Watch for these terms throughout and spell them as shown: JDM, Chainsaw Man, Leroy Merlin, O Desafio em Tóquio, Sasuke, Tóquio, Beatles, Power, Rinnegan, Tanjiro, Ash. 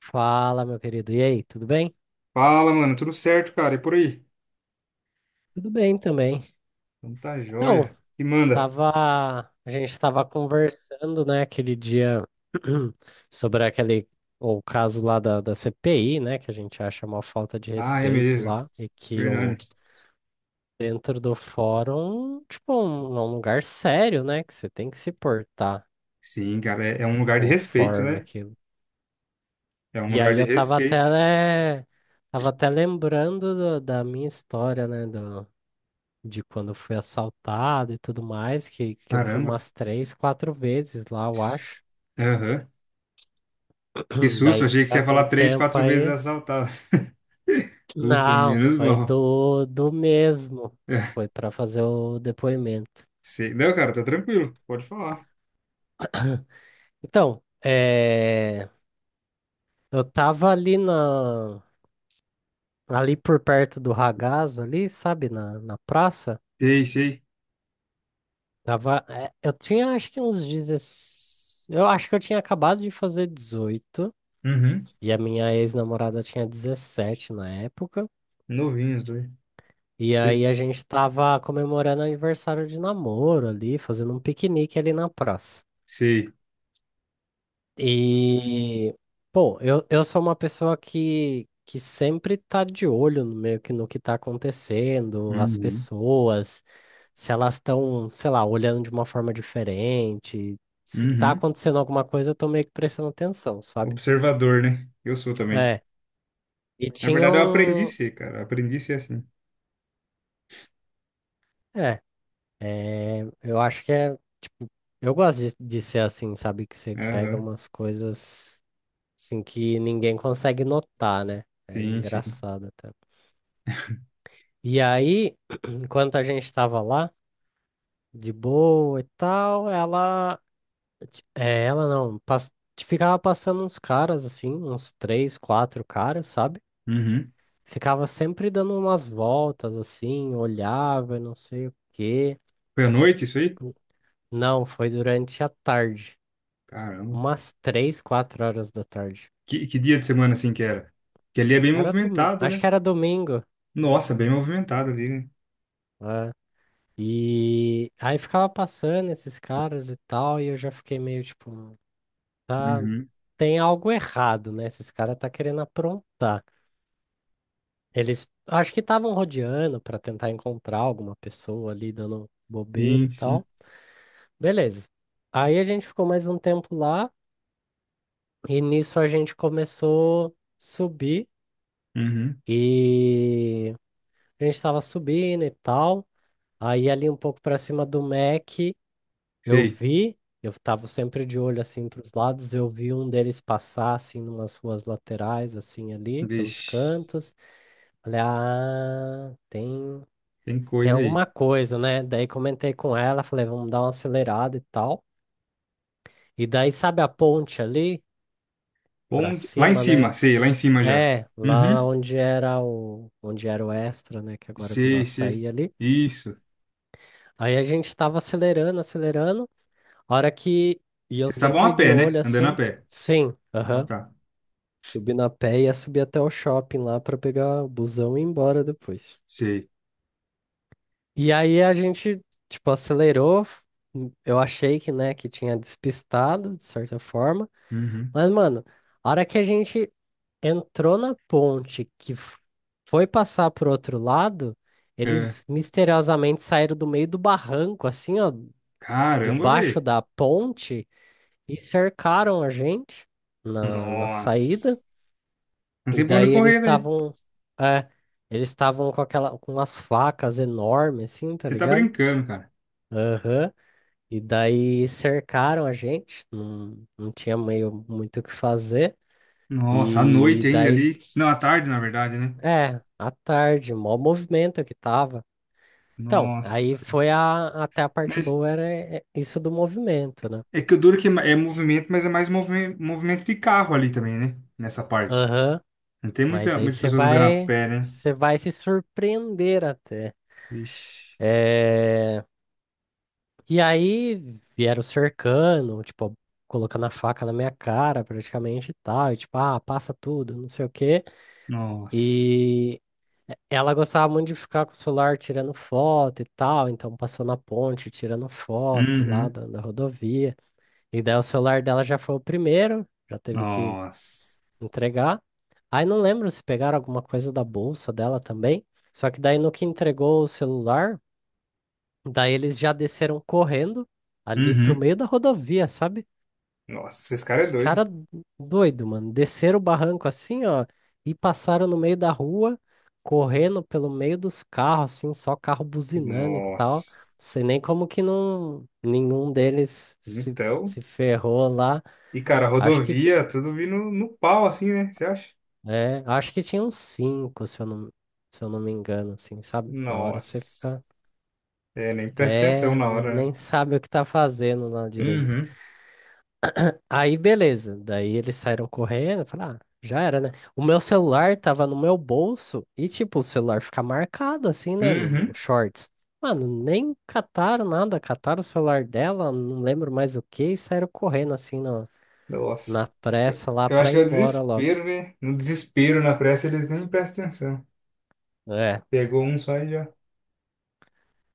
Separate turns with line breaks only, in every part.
Fala, meu querido. E aí, tudo bem?
Fala, mano, tudo certo, cara? E por aí?
Tudo bem também.
Então tá
Então,
joia. E manda.
tava, a gente estava conversando, né, aquele dia sobre aquele o caso lá da CPI, né, que a gente acha uma falta de
Ah, é
respeito
mesmo.
lá e que
Verdade.
o dentro do fórum, tipo, é um lugar sério, né, que você tem que se portar
Sim, cara, é um lugar de respeito,
conforme
né?
aquilo.
É um
E
lugar
aí
de
eu tava até,
respeito.
né, tava até lembrando da minha história, né, do de quando eu fui assaltado e tudo mais, que eu fui
Caramba.
umas três, quatro vezes lá, eu
Ps-
acho.
Aham. Que susto,
Daí se
achei que você
tiver
ia
com
falar três,
tempo
quatro vezes
aí.
assaltado. Ufa,
Não,
menos
foi
mal.
do mesmo.
É,
Foi para fazer o depoimento.
sei. Não, cara, tá tranquilo. Pode falar.
Então, eu tava ali por perto do Ragazzo, ali, sabe, na praça.
Sei, sei.
Eu tinha acho que uns 16. Eu acho que eu tinha acabado de fazer 18.
Uhum.
E a minha ex-namorada tinha 17 na época.
Novinhos, dois.
E
Se-
aí a gente tava comemorando aniversário de namoro ali, fazendo um piquenique ali na praça.
Sei.
E, pô, eu sou uma pessoa que sempre tá de olho no meio que no que tá acontecendo, as
Uhum.
pessoas, se elas estão, sei lá, olhando de uma forma diferente, se tá
Uhum.
acontecendo alguma coisa, eu tô meio que prestando atenção, sabe?
Observador, né? Eu sou também.
É, e
Na
tinha
verdade, eu aprendi a
um.
ser, cara. Eu aprendi a ser assim.
É, eu acho que é, tipo, eu gosto de ser assim, sabe? Que você pega
Aham.
umas coisas assim que ninguém consegue notar, né? É
Sim, sim.
engraçado até. E aí, enquanto a gente tava lá, de boa e tal, ela. É, ela não, pas- ficava passando uns caras, assim, uns três, quatro caras, sabe?
Uhum.
Ficava sempre dando umas voltas, assim, olhava, e não sei o quê.
Foi à noite isso aí?
Não, foi durante a tarde.
Caramba.
Umas três, quatro horas da tarde.
Que dia de semana assim que era? Que ali é bem
Era
movimentado,
acho
né?
que era domingo,
Nossa, bem movimentado ali, né?
né? E aí ficava passando esses caras e tal, e eu já fiquei meio tipo, tá,
Uhum.
tem algo errado, né? Esses caras tá querendo aprontar. Eles acho que estavam rodeando para tentar encontrar alguma pessoa ali dando bobeira
Sim,
e
sim.
tal. Beleza. Aí a gente ficou mais um tempo lá, e nisso a gente começou a subir,
Uhum.
e a gente tava subindo e tal. Aí ali um pouco para cima do Mac, eu
Sei.
vi, eu tava sempre de olho assim para os lados, eu vi um deles passar assim numas ruas laterais assim ali, pelos
Vixe,
cantos. Falei: "Ah, tem
tem
tem
coisa aí.
alguma coisa, né?" Daí comentei com ela, falei: "Vamos dar uma acelerada e tal". E daí sabe a ponte ali para
Onde... Lá em
cima,
cima,
né?
sei, lá em cima já.
Lá
Uhum.
onde era o Extra, né, que agora virou
Sei, sei.
Açaí ali.
Isso.
Aí a gente tava acelerando, acelerando. Hora que. E eu
Vocês estavam
sempre
a
de
pé, né?
olho
Andando a
assim.
pé.
Sim,
Ah,
aham.
tá.
Subi na pé e ia subir até o shopping lá pra pegar o busão e ir embora depois.
Sei.
E aí a gente, tipo, acelerou. Eu achei que, né, que tinha despistado, de certa forma.
Uhum.
Mas, mano, a hora que a gente entrou na ponte, que foi passar pro outro lado,
É.
eles misteriosamente saíram do meio do barranco, assim, ó,
Caramba,
debaixo
velho.
da ponte e cercaram a gente na saída.
Nossa. Não
E
tem pra onde
daí
correr daí.
é, eles estavam com aquela, com umas facas enormes, assim, tá
Você tá
ligado?
brincando, cara.
Aham. E daí cercaram a gente, não tinha meio muito o que fazer.
Nossa, à noite
E
ainda
daí,
ali. Não, à tarde, na verdade, né?
à tarde, mó movimento que tava. Então,
Nossa.
aí foi até a parte
Mas
boa era isso do movimento, né?
é que o duro que é é movimento, mas é mais movimento, movimento de carro ali também, né? Nessa parte.
Aham.
Não tem
Mas
muita,
daí
muitas
você
pessoas andando a
vai,
pé, né?
você vai se surpreender até.
Vixe.
É, E aí vieram cercando, tipo, colocando a faca na minha cara praticamente e tal. E tipo, ah, passa tudo, não sei o quê.
Nossa.
E ela gostava muito de ficar com o celular tirando foto e tal. Então passou na ponte tirando foto lá
Uhum.
da rodovia. E daí o celular dela já foi o primeiro, já teve que
Nossa.
entregar. Aí não lembro se pegaram alguma coisa da bolsa dela também. Só que daí no que entregou o celular. Daí eles já desceram correndo ali pro
Uhum.
meio da rodovia, sabe?
Nossa, esse cara é
Os
doido.
caras doido, mano. Desceram o barranco assim, ó, e passaram no meio da rua, correndo pelo meio dos carros, assim, só carro buzinando e tal. Não
Nossa.
sei nem como que não, nenhum deles se,
Então.
se ferrou lá.
E, cara,
Acho que,
rodovia, tudo vindo no pau, assim, né? Você acha?
acho que tinha uns cinco, se eu não me engano, assim, sabe? Na hora você
Nossa.
fica
É, nem presta atenção
até,
na
nem,
hora, né?
nem sabe o que tá fazendo lá direito.
Uhum.
Aí, beleza. Daí eles saíram correndo. Eu falei, ah, já era, né? O meu celular tava no meu bolso e, tipo, o celular fica marcado assim, né? No
Uhum.
shorts. Mano, nem cataram nada. Cataram o celular dela, não lembro mais o que, e saíram correndo assim na
Nossa. Eu
pressa lá
eu
pra
acho
ir
que é o
embora logo.
desespero, né? No desespero, na pressa, eles nem prestam atenção.
É.
Pegou um só e já.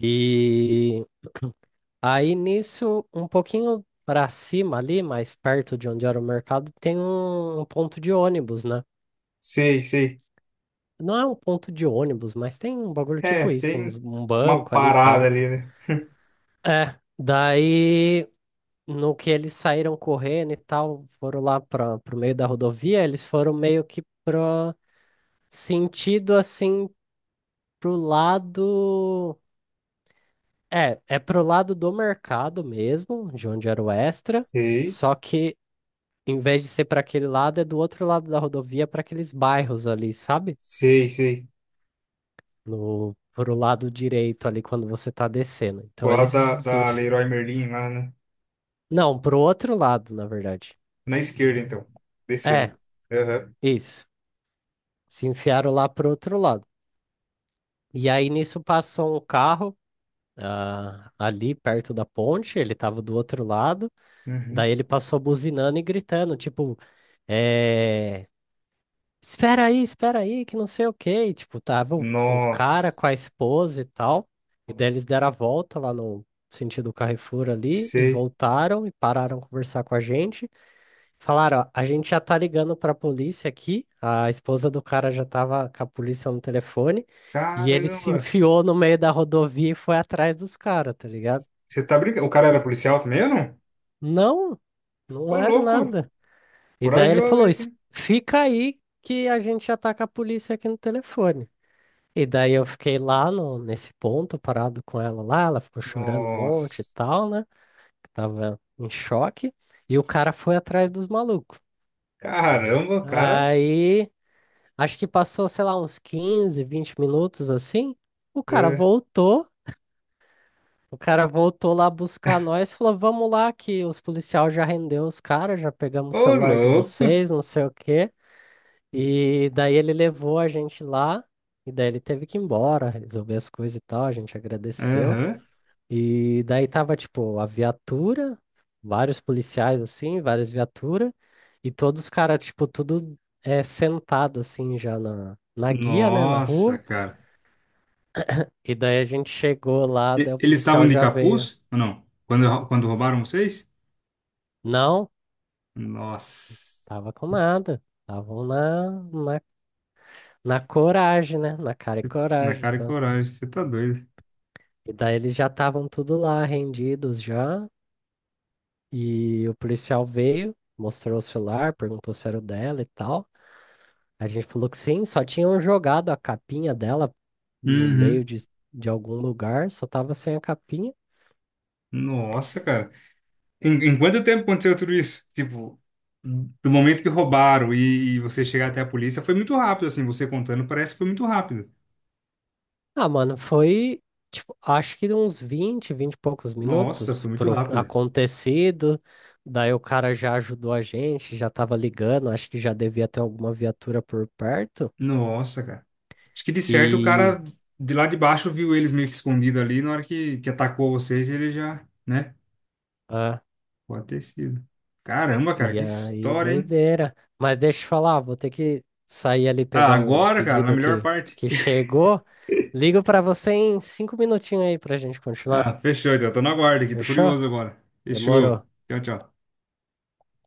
E aí nisso, um pouquinho pra cima ali, mais perto de onde era o mercado, tem um ponto de ônibus, né?
Sei, sei.
Não é um ponto de ônibus, mas tem um bagulho
É,
tipo isso,
tem
um
uma
banco ali e tal.
parada ali, né?
É, daí no que eles saíram correndo e tal, foram lá para pro meio da rodovia, eles foram meio que pro sentido assim pro lado, pro lado do mercado mesmo, de onde era o extra,
Sei,
só que em vez de ser para aquele lado, é do outro lado da rodovia para aqueles bairros ali, sabe?
sei, sei.
No pro lado direito ali quando você tá descendo.
Pro
Então
lado
eles
da,
se.
da Leroy Merlin lá, né?
Não, pro outro lado, na verdade.
Na esquerda, então.
É,
Descendo. Aham.
isso. Se enfiaram lá pro outro lado. E aí nisso passou um carro ali perto da ponte, ele tava do outro lado. Daí
Uhum.
ele passou buzinando e gritando, tipo, é... espera aí, que não sei o quê. E, tipo, tava o cara
Nossa.
com a esposa e tal. E daí eles deram a volta lá no sentido Carrefour ali e
Sei.
voltaram e pararam conversar com a gente. Falaram, ó, a gente já tá ligando pra polícia aqui. A esposa do cara já tava com a polícia no telefone e ele se
Caramba.
enfiou no meio da rodovia e foi atrás dos caras, tá ligado?
Você tá brincando? O cara era policial também ou não?
Não, não
Ô,
era
louco.
nada. E daí ele
Corajoso
falou:
esse,
"Es-
hein?
fica aí que a gente já tá com a polícia aqui no telefone. E daí eu fiquei lá no, nesse ponto, parado com ela lá. Ela ficou chorando um monte e
Nossa.
tal, né? Tava em choque. E o cara foi atrás dos malucos.
Caramba, o cara.
Aí. Acho que passou, sei lá, uns 15, 20 minutos assim. O cara
É.
voltou, o cara voltou lá buscar nós, e falou: "Vamos lá que os policiais já rendeu os caras, já pegamos o
Ô,
celular de
louco!
vocês, não sei o quê". E daí ele levou a gente lá, e daí ele teve que ir embora, resolver as coisas e tal, a gente agradeceu.
Aham.
E daí tava tipo a viatura, vários policiais assim, várias viaturas, e todos os caras tipo tudo é sentado assim já na guia, né, na
Nossa,
rua.
cara.
E daí a gente chegou lá, daí o
Eles estavam
policial
de
já veio.
capuz ou não? Quando roubaram vocês?
Não,
Nossa.
tava com nada. Estavam na coragem, né? Na cara e
Na
coragem
cara e
só.
coragem, você tá doido.
E daí eles já estavam tudo lá, rendidos já. E o policial veio, mostrou o celular, perguntou se era o dela e tal. A gente falou que sim, só tinham jogado a capinha dela no meio
Uhum.
de algum lugar, só tava sem a capinha.
Nossa, cara. Em quanto tempo aconteceu tudo isso? Tipo, do momento que roubaram e você chegar até a polícia, foi muito rápido, assim. Você contando, parece que foi muito rápido.
Ah, mano, foi, tipo, acho que uns 20, vinte e poucos
Nossa,
minutos
foi muito
pro
rápido.
acontecido. Daí o cara já ajudou a gente, já tava ligando, acho que já devia ter alguma viatura por perto.
Nossa, cara. Acho que de certo o
E,
cara de lá de baixo viu eles meio que escondido ali. Na hora que atacou vocês, ele já, né?
ah,
Pode ter sido. Caramba, cara,
e
que
aí,
história, hein?
doideira. Mas deixa eu te falar, vou ter que sair ali
Ah,
pegar um
agora, cara, na
pedido
melhor
que,
parte.
que chegou. Ligo pra você em 5 minutinhos aí pra gente continuar.
Ah, fechou, então. Tô na guarda aqui, tô
Fechou?
curioso agora.
Demorou.
Fechou. Tchau, tchau.